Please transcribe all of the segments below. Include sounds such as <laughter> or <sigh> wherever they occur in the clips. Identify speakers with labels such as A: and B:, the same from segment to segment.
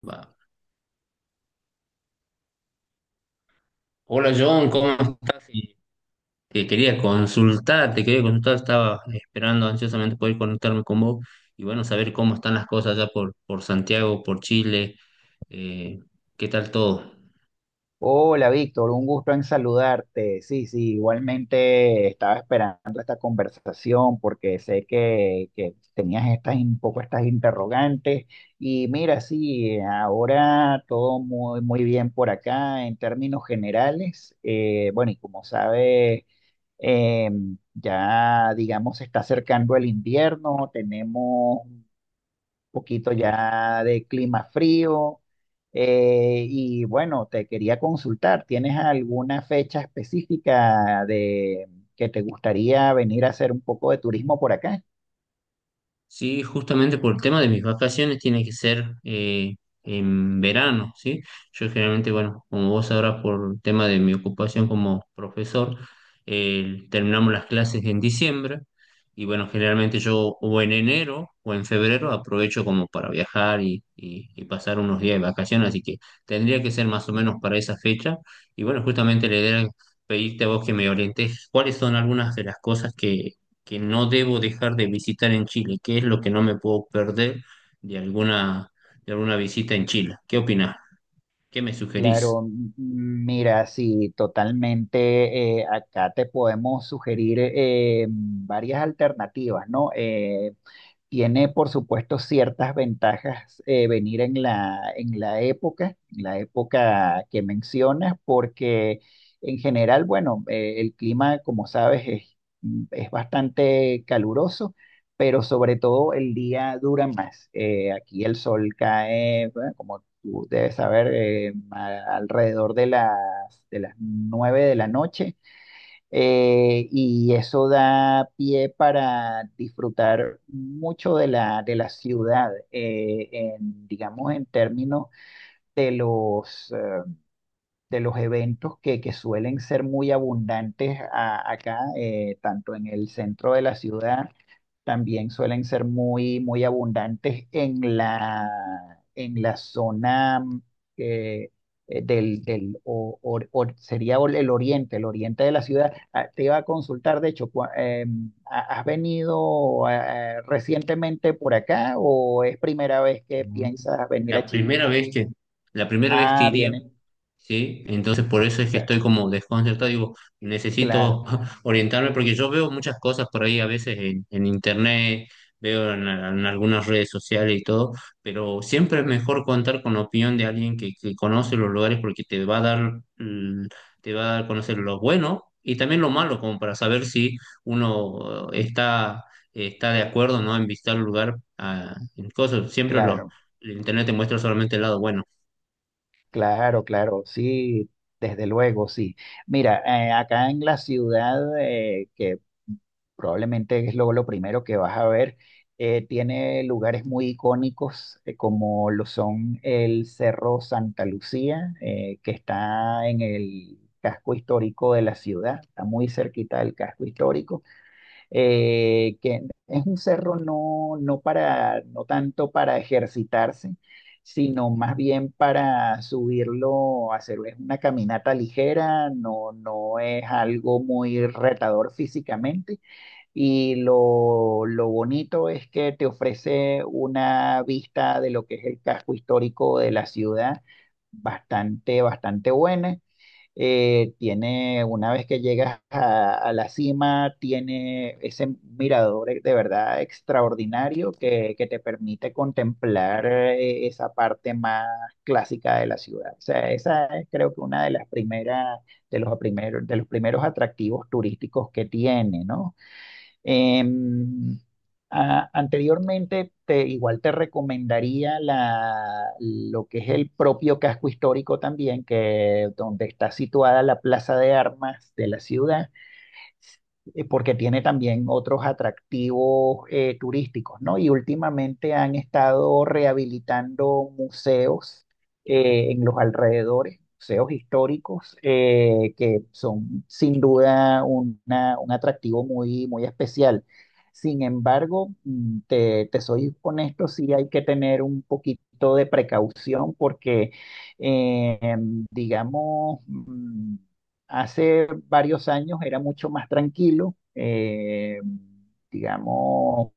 A: Va. Hola John, ¿cómo estás? Que quería consultar, te quería consultar, estaba esperando ansiosamente poder conectarme con vos y bueno, saber cómo están las cosas allá por Santiago, por Chile, eh, ¿qué tal todo?
B: Hola Víctor, un gusto en saludarte. Sí, sí, igualmente estaba esperando esta conversación porque sé que tenías estas, un poco estas interrogantes y mira, sí, ahora todo muy bien por acá en términos generales. Bueno, y como sabes, eh, ya digamos se está acercando el invierno, tenemos poquito ya de clima frío. Y bueno, te quería consultar, ¿tienes alguna fecha específica de que te gustaría venir a hacer un poco de turismo por acá?
A: Sí, justamente por el tema de mis vacaciones tiene que ser en verano, ¿sí? Yo generalmente, bueno, como vos sabrás por el tema de mi ocupación como profesor, terminamos las clases en diciembre y bueno, generalmente yo o en enero o en febrero aprovecho como para viajar y pasar unos días de vacaciones, así que tendría que ser más o menos para esa fecha y bueno, justamente la idea era pedirte a vos que me orientes cuáles son algunas de las cosas que no debo dejar de visitar en Chile. ¿Qué es lo que no me puedo perder de alguna, de alguna visita en Chile? ¿Qué opinás? ¿Qué me sugerís?
B: Claro, mira, sí, totalmente. Acá te podemos sugerir varias alternativas, ¿no? Tiene, por supuesto, ciertas ventajas venir en la época que mencionas, porque en general, bueno, el clima, como sabes, es bastante caluroso, pero sobre todo el día dura más. Aquí el sol cae, bueno, como tú debes saber, alrededor de de las 9 de la noche y eso da pie para disfrutar mucho de la ciudad, en, digamos, en términos de los, eh, de los eventos que suelen ser muy abundantes acá, tanto en el centro de la ciudad, también suelen ser muy abundantes en la zona eh, del sería el oriente de la ciudad. Ah, te iba a consultar, de hecho, ¿has venido recientemente por acá o es primera vez que
A: Mm.
B: piensas venir a
A: La
B: Chile?
A: primera vez que, la primera vez que
B: Ah,
A: iría.
B: vienen.
A: Sí, entonces por eso es que estoy como desconcertado, digo,
B: Claro,
A: necesito <laughs> orientarme porque yo veo muchas cosas por ahí a veces en internet, veo en algunas redes sociales y todo, pero siempre es mejor contar con la opinión de alguien que conoce los lugares porque te va a dar, mm, te va a dar a conocer lo bueno y también lo malo, como para saber si uno está de acuerdo, ¿no?, en visitar el lugar. Ah, en cosas, siempre lo,
B: claro.
A: el internet te muestra solamente el lado bueno.
B: Claro, claro, sí, desde luego, sí. Mira, acá en la ciudad, que probablemente es lo primero que vas a ver, tiene lugares muy icónicos, como lo son el Cerro Santa Lucía, que está en el casco histórico de la ciudad, está muy cerquita del casco histórico que es un cerro no, no para, no tanto para ejercitarse, sino más bien para subirlo, hacer es una caminata ligera, no, no es algo muy retador físicamente. Y lo bonito es que te ofrece una vista de lo que es el casco histórico de la ciudad bastante, bastante buena. Tiene, una vez que llegas a la cima, tiene ese mirador de verdad extraordinario que te permite contemplar esa parte más clásica de la ciudad. O sea, esa es creo que una de las primeras, de los primeros atractivos turísticos que tiene, ¿no? Em, Anteriormente, te, igual te recomendaría lo que es el propio casco histórico también, que donde está situada la plaza de armas de la ciudad, porque tiene también otros atractivos turísticos, ¿no? Y últimamente han estado rehabilitando museos en los alrededores, museos históricos, que son sin duda un atractivo muy especial. Sin embargo, te, te soy honesto, sí hay que tener un poquito de precaución porque, digamos, hace varios años era mucho más tranquilo, digamos,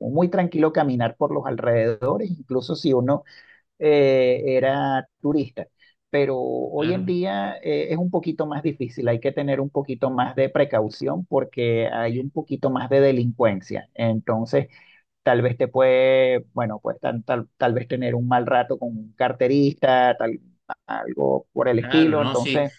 B: muy tranquilo caminar por los alrededores, incluso si uno era turista. Pero hoy en
A: Claro.
B: día es un poquito más difícil, hay que tener un poquito más de precaución porque hay un poquito más de delincuencia. Entonces, tal vez te puede, bueno, pues tal vez tener un mal rato con un carterista, tal, algo por el
A: Claro,
B: estilo.
A: no, sí,
B: Entonces,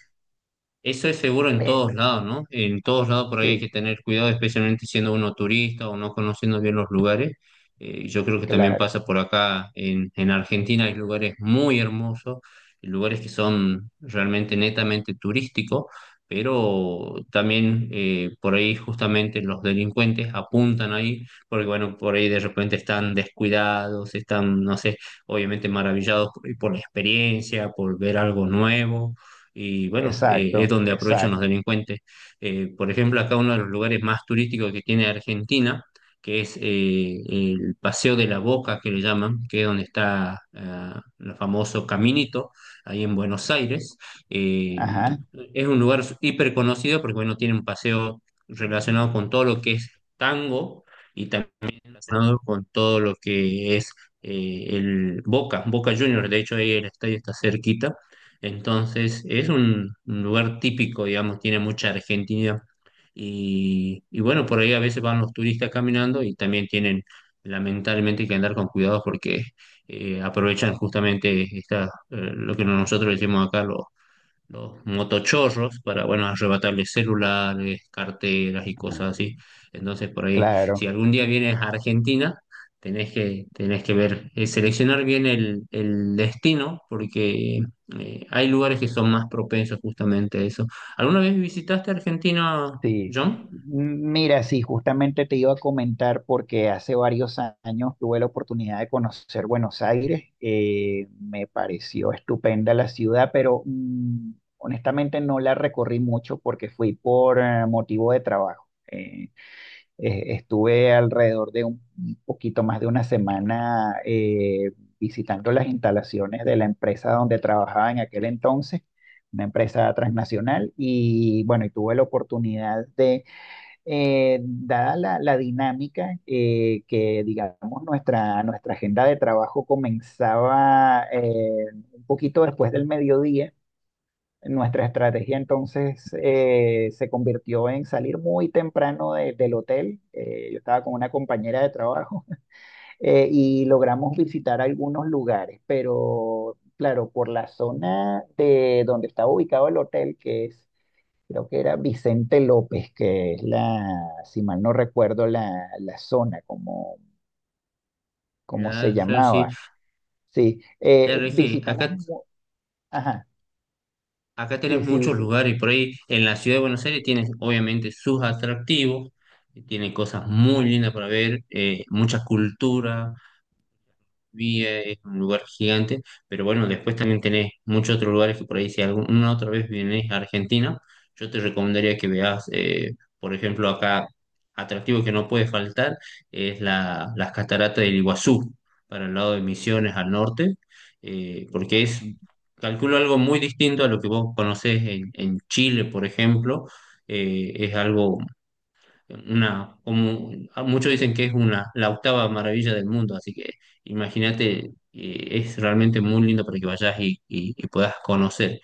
A: eso es seguro en
B: eh,
A: todos lados, ¿no? En todos lados por ahí hay que
B: sí.
A: tener cuidado, especialmente siendo uno turista o no conociendo bien los lugares. Yo creo que también
B: Claro.
A: pasa por acá en Argentina. Hay lugares muy hermosos, lugares que son realmente netamente turísticos, pero también por ahí justamente los delincuentes apuntan ahí, porque bueno, por ahí de repente están descuidados, están, no sé, obviamente maravillados por la experiencia, por ver algo nuevo y bueno, es
B: Exacto,
A: donde aprovechan los
B: exacto.
A: delincuentes. Por ejemplo, acá uno de los lugares más turísticos que tiene Argentina, que es el Paseo de la Boca, que le llaman, que es donde está, ah, el famoso Caminito, ahí en Buenos Aires. Eh,
B: Ajá,
A: es un lugar hiper conocido porque, bueno, tiene un paseo relacionado con todo lo que es tango. Y también relacionado con todo lo que es el Boca, Boca Juniors. De hecho ahí el estadio está cerquita, entonces es un lugar típico, digamos, tiene mucha Argentina y bueno, por ahí a veces van los turistas caminando y también tienen lamentablemente que andar con cuidado porque aprovechan justamente esta, lo que nosotros decimos acá, los motochorros para, bueno, arrebatarles celulares, carteras y cosas así. Entonces, por ahí, si
B: claro,
A: algún día vienes a Argentina, tenés que ver, seleccionar bien el destino, porque hay lugares que son más propensos justamente a eso. ¿Alguna vez visitaste Argentina,
B: sí.
A: John?
B: Mira, sí, justamente te iba a comentar porque hace varios años tuve la oportunidad de conocer Buenos Aires. Me pareció estupenda la ciudad, pero honestamente no la recorrí mucho porque fui por motivo de trabajo. Estuve alrededor de un poquito más de una semana visitando las instalaciones de la empresa donde trabajaba en aquel entonces, una empresa transnacional, y bueno, y tuve la oportunidad de, dada la dinámica que, digamos, nuestra agenda de trabajo comenzaba un poquito después del mediodía, nuestra estrategia entonces se convirtió en salir muy temprano del hotel. Yo estaba con una compañera de trabajo <laughs> y logramos visitar algunos lugares, pero claro, por la zona de donde estaba ubicado el hotel, que es, creo que era Vicente López, que es la, si mal no recuerdo la zona, como, como se
A: Ya, Fer, sí.
B: llamaba. Sí,
A: Ya, Regi,
B: visitamos,
A: acá.
B: ajá,
A: Acá tenés
B: sí,
A: muchos lugares por ahí. En la ciudad de Buenos Aires tienes obviamente sus atractivos, tiene cosas muy lindas para ver, mucha cultura, Villa es un lugar gigante, pero bueno, después también tenés muchos otros lugares que por ahí si alguna otra vez vienes a Argentina, yo te recomendaría que veas, por ejemplo, acá atractivo que no puede faltar es la, las cataratas del Iguazú, para el lado de Misiones al norte, porque es, calculo algo muy distinto a lo que vos conocés en Chile, por ejemplo. Es algo una, como ah, muchos dicen que es una, la octava maravilla del mundo, así que imagínate, es realmente muy lindo para que vayas y puedas conocer.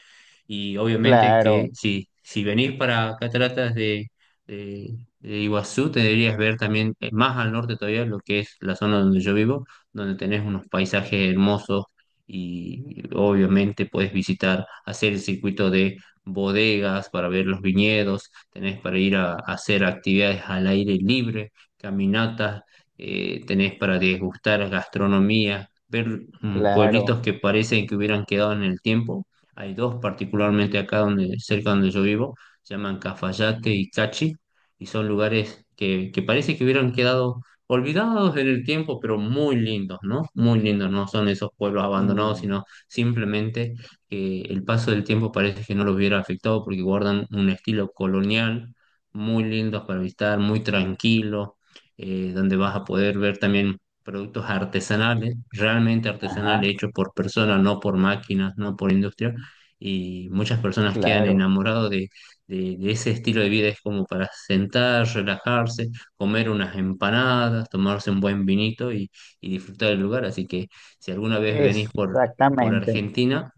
A: Y obviamente que
B: claro,
A: si venís para Cataratas de Iguazú, te deberías ver también, más al norte todavía lo que es la zona donde yo vivo, donde tenés unos paisajes hermosos y obviamente puedes visitar, hacer el circuito bodegas para ver los viñedos, tenés para ir a hacer actividades al aire libre, caminatas, tenés para degustar gastronomía, ver,
B: claro.
A: pueblitos que parecen que hubieran quedado en el tiempo. Hay dos particularmente acá donde, cerca donde yo vivo, se llaman Cafayate y Cachi, y son lugares que parece que hubieran quedado olvidados en el tiempo, pero muy lindos, ¿no? Muy lindos, no son esos pueblos abandonados,
B: Mm,
A: sino simplemente que el paso del tiempo parece que no los hubiera afectado porque guardan un estilo colonial muy lindo para visitar, muy tranquilo, donde vas a poder ver también productos artesanales, realmente artesanales,
B: Ajá,
A: hechos por personas, no por máquinas, no por industria, y muchas personas quedan
B: claro.
A: enamorados de ese estilo de vida, es como para sentar, relajarse, comer unas empanadas, tomarse un buen vinito y disfrutar del lugar. Así que si alguna vez venís por
B: Exactamente.
A: Argentina,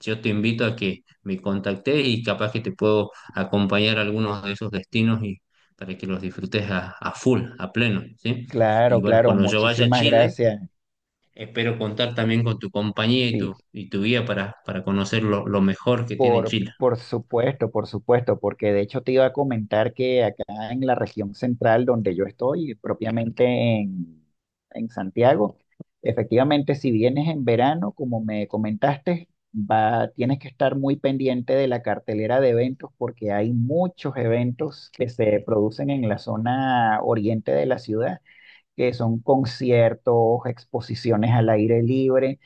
A: yo te invito a que me contactes y capaz que te puedo acompañar a algunos de esos destinos y para que los disfrutes a full, a pleno, ¿sí? Y
B: Claro,
A: bueno,
B: claro.
A: cuando yo vaya a
B: Muchísimas
A: Chile,
B: gracias.
A: espero contar también con tu compañía
B: Sí,
A: y tu guía para conocer lo mejor que tiene Chile.
B: por supuesto, porque de hecho te iba a comentar que acá en la región central donde yo estoy, propiamente en, en Santiago, efectivamente, si vienes en verano, como me comentaste, va, tienes que estar muy pendiente de la cartelera de eventos porque hay muchos eventos que se producen en la zona oriente de la ciudad, que son conciertos, exposiciones al aire libre,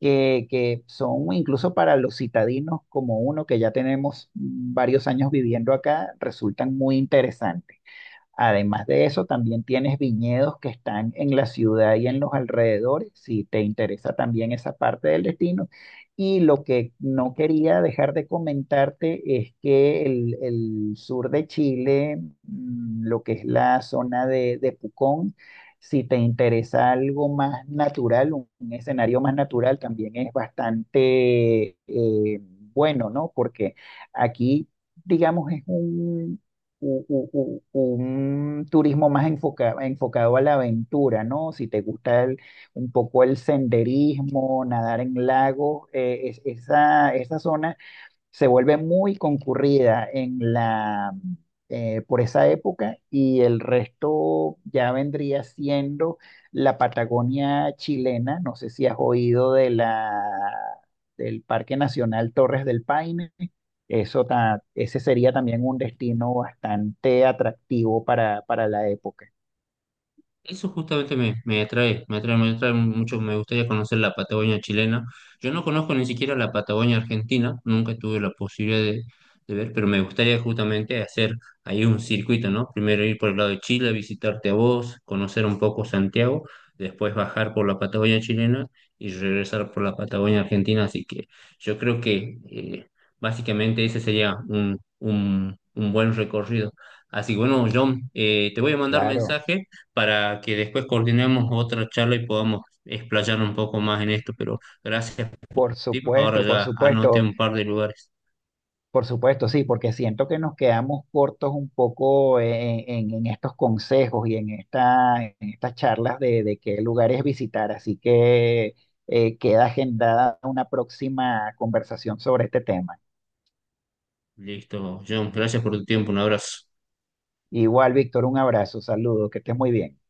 B: que son incluso para los citadinos como uno que ya tenemos varios años viviendo acá, resultan muy interesantes. Además de eso, también tienes viñedos que están en la ciudad y en los alrededores, si te interesa también esa parte del destino. Y lo que no quería dejar de comentarte es que el sur de Chile, lo que es la zona de Pucón, si te interesa algo más natural, un escenario más natural, también es bastante bueno, ¿no? Porque aquí digamos, es un, u- u- u- un turismo más enfocado enfocado a la aventura, ¿no? Si te gusta un poco el senderismo, nadar en lagos, esa, esa zona se vuelve muy concurrida en la, por esa época y el resto ya vendría siendo la Patagonia chilena. No sé si has oído de del Parque Nacional Torres del Paine. Ese sería también un destino bastante atractivo para la época.
A: Eso justamente me atrae mucho, me gustaría conocer la Patagonia chilena. Yo no conozco ni siquiera la Patagonia argentina, nunca tuve la posibilidad de ver, pero me gustaría justamente hacer ahí un circuito, ¿no? Primero ir por el lado de Chile, visitarte a vos, conocer un poco Santiago, después bajar por la Patagonia chilena y regresar por la Patagonia argentina. Así que yo creo que básicamente ese sería un buen recorrido. Así que bueno, John, te voy a mandar
B: Claro,
A: mensaje para que después coordinemos otra charla y podamos explayar un poco más en esto, pero gracias por tu
B: por
A: tiempo. Ahora
B: supuesto, por
A: ya anoté
B: supuesto.
A: un par de lugares.
B: Por supuesto, sí, porque siento que nos quedamos cortos un poco en, en estos consejos y en esta, en estas charlas de qué lugares visitar, así que queda agendada una próxima conversación sobre este tema.
A: Listo, John, gracias por tu tiempo, un abrazo.
B: Igual, Víctor, un abrazo, saludos, que estés muy bien.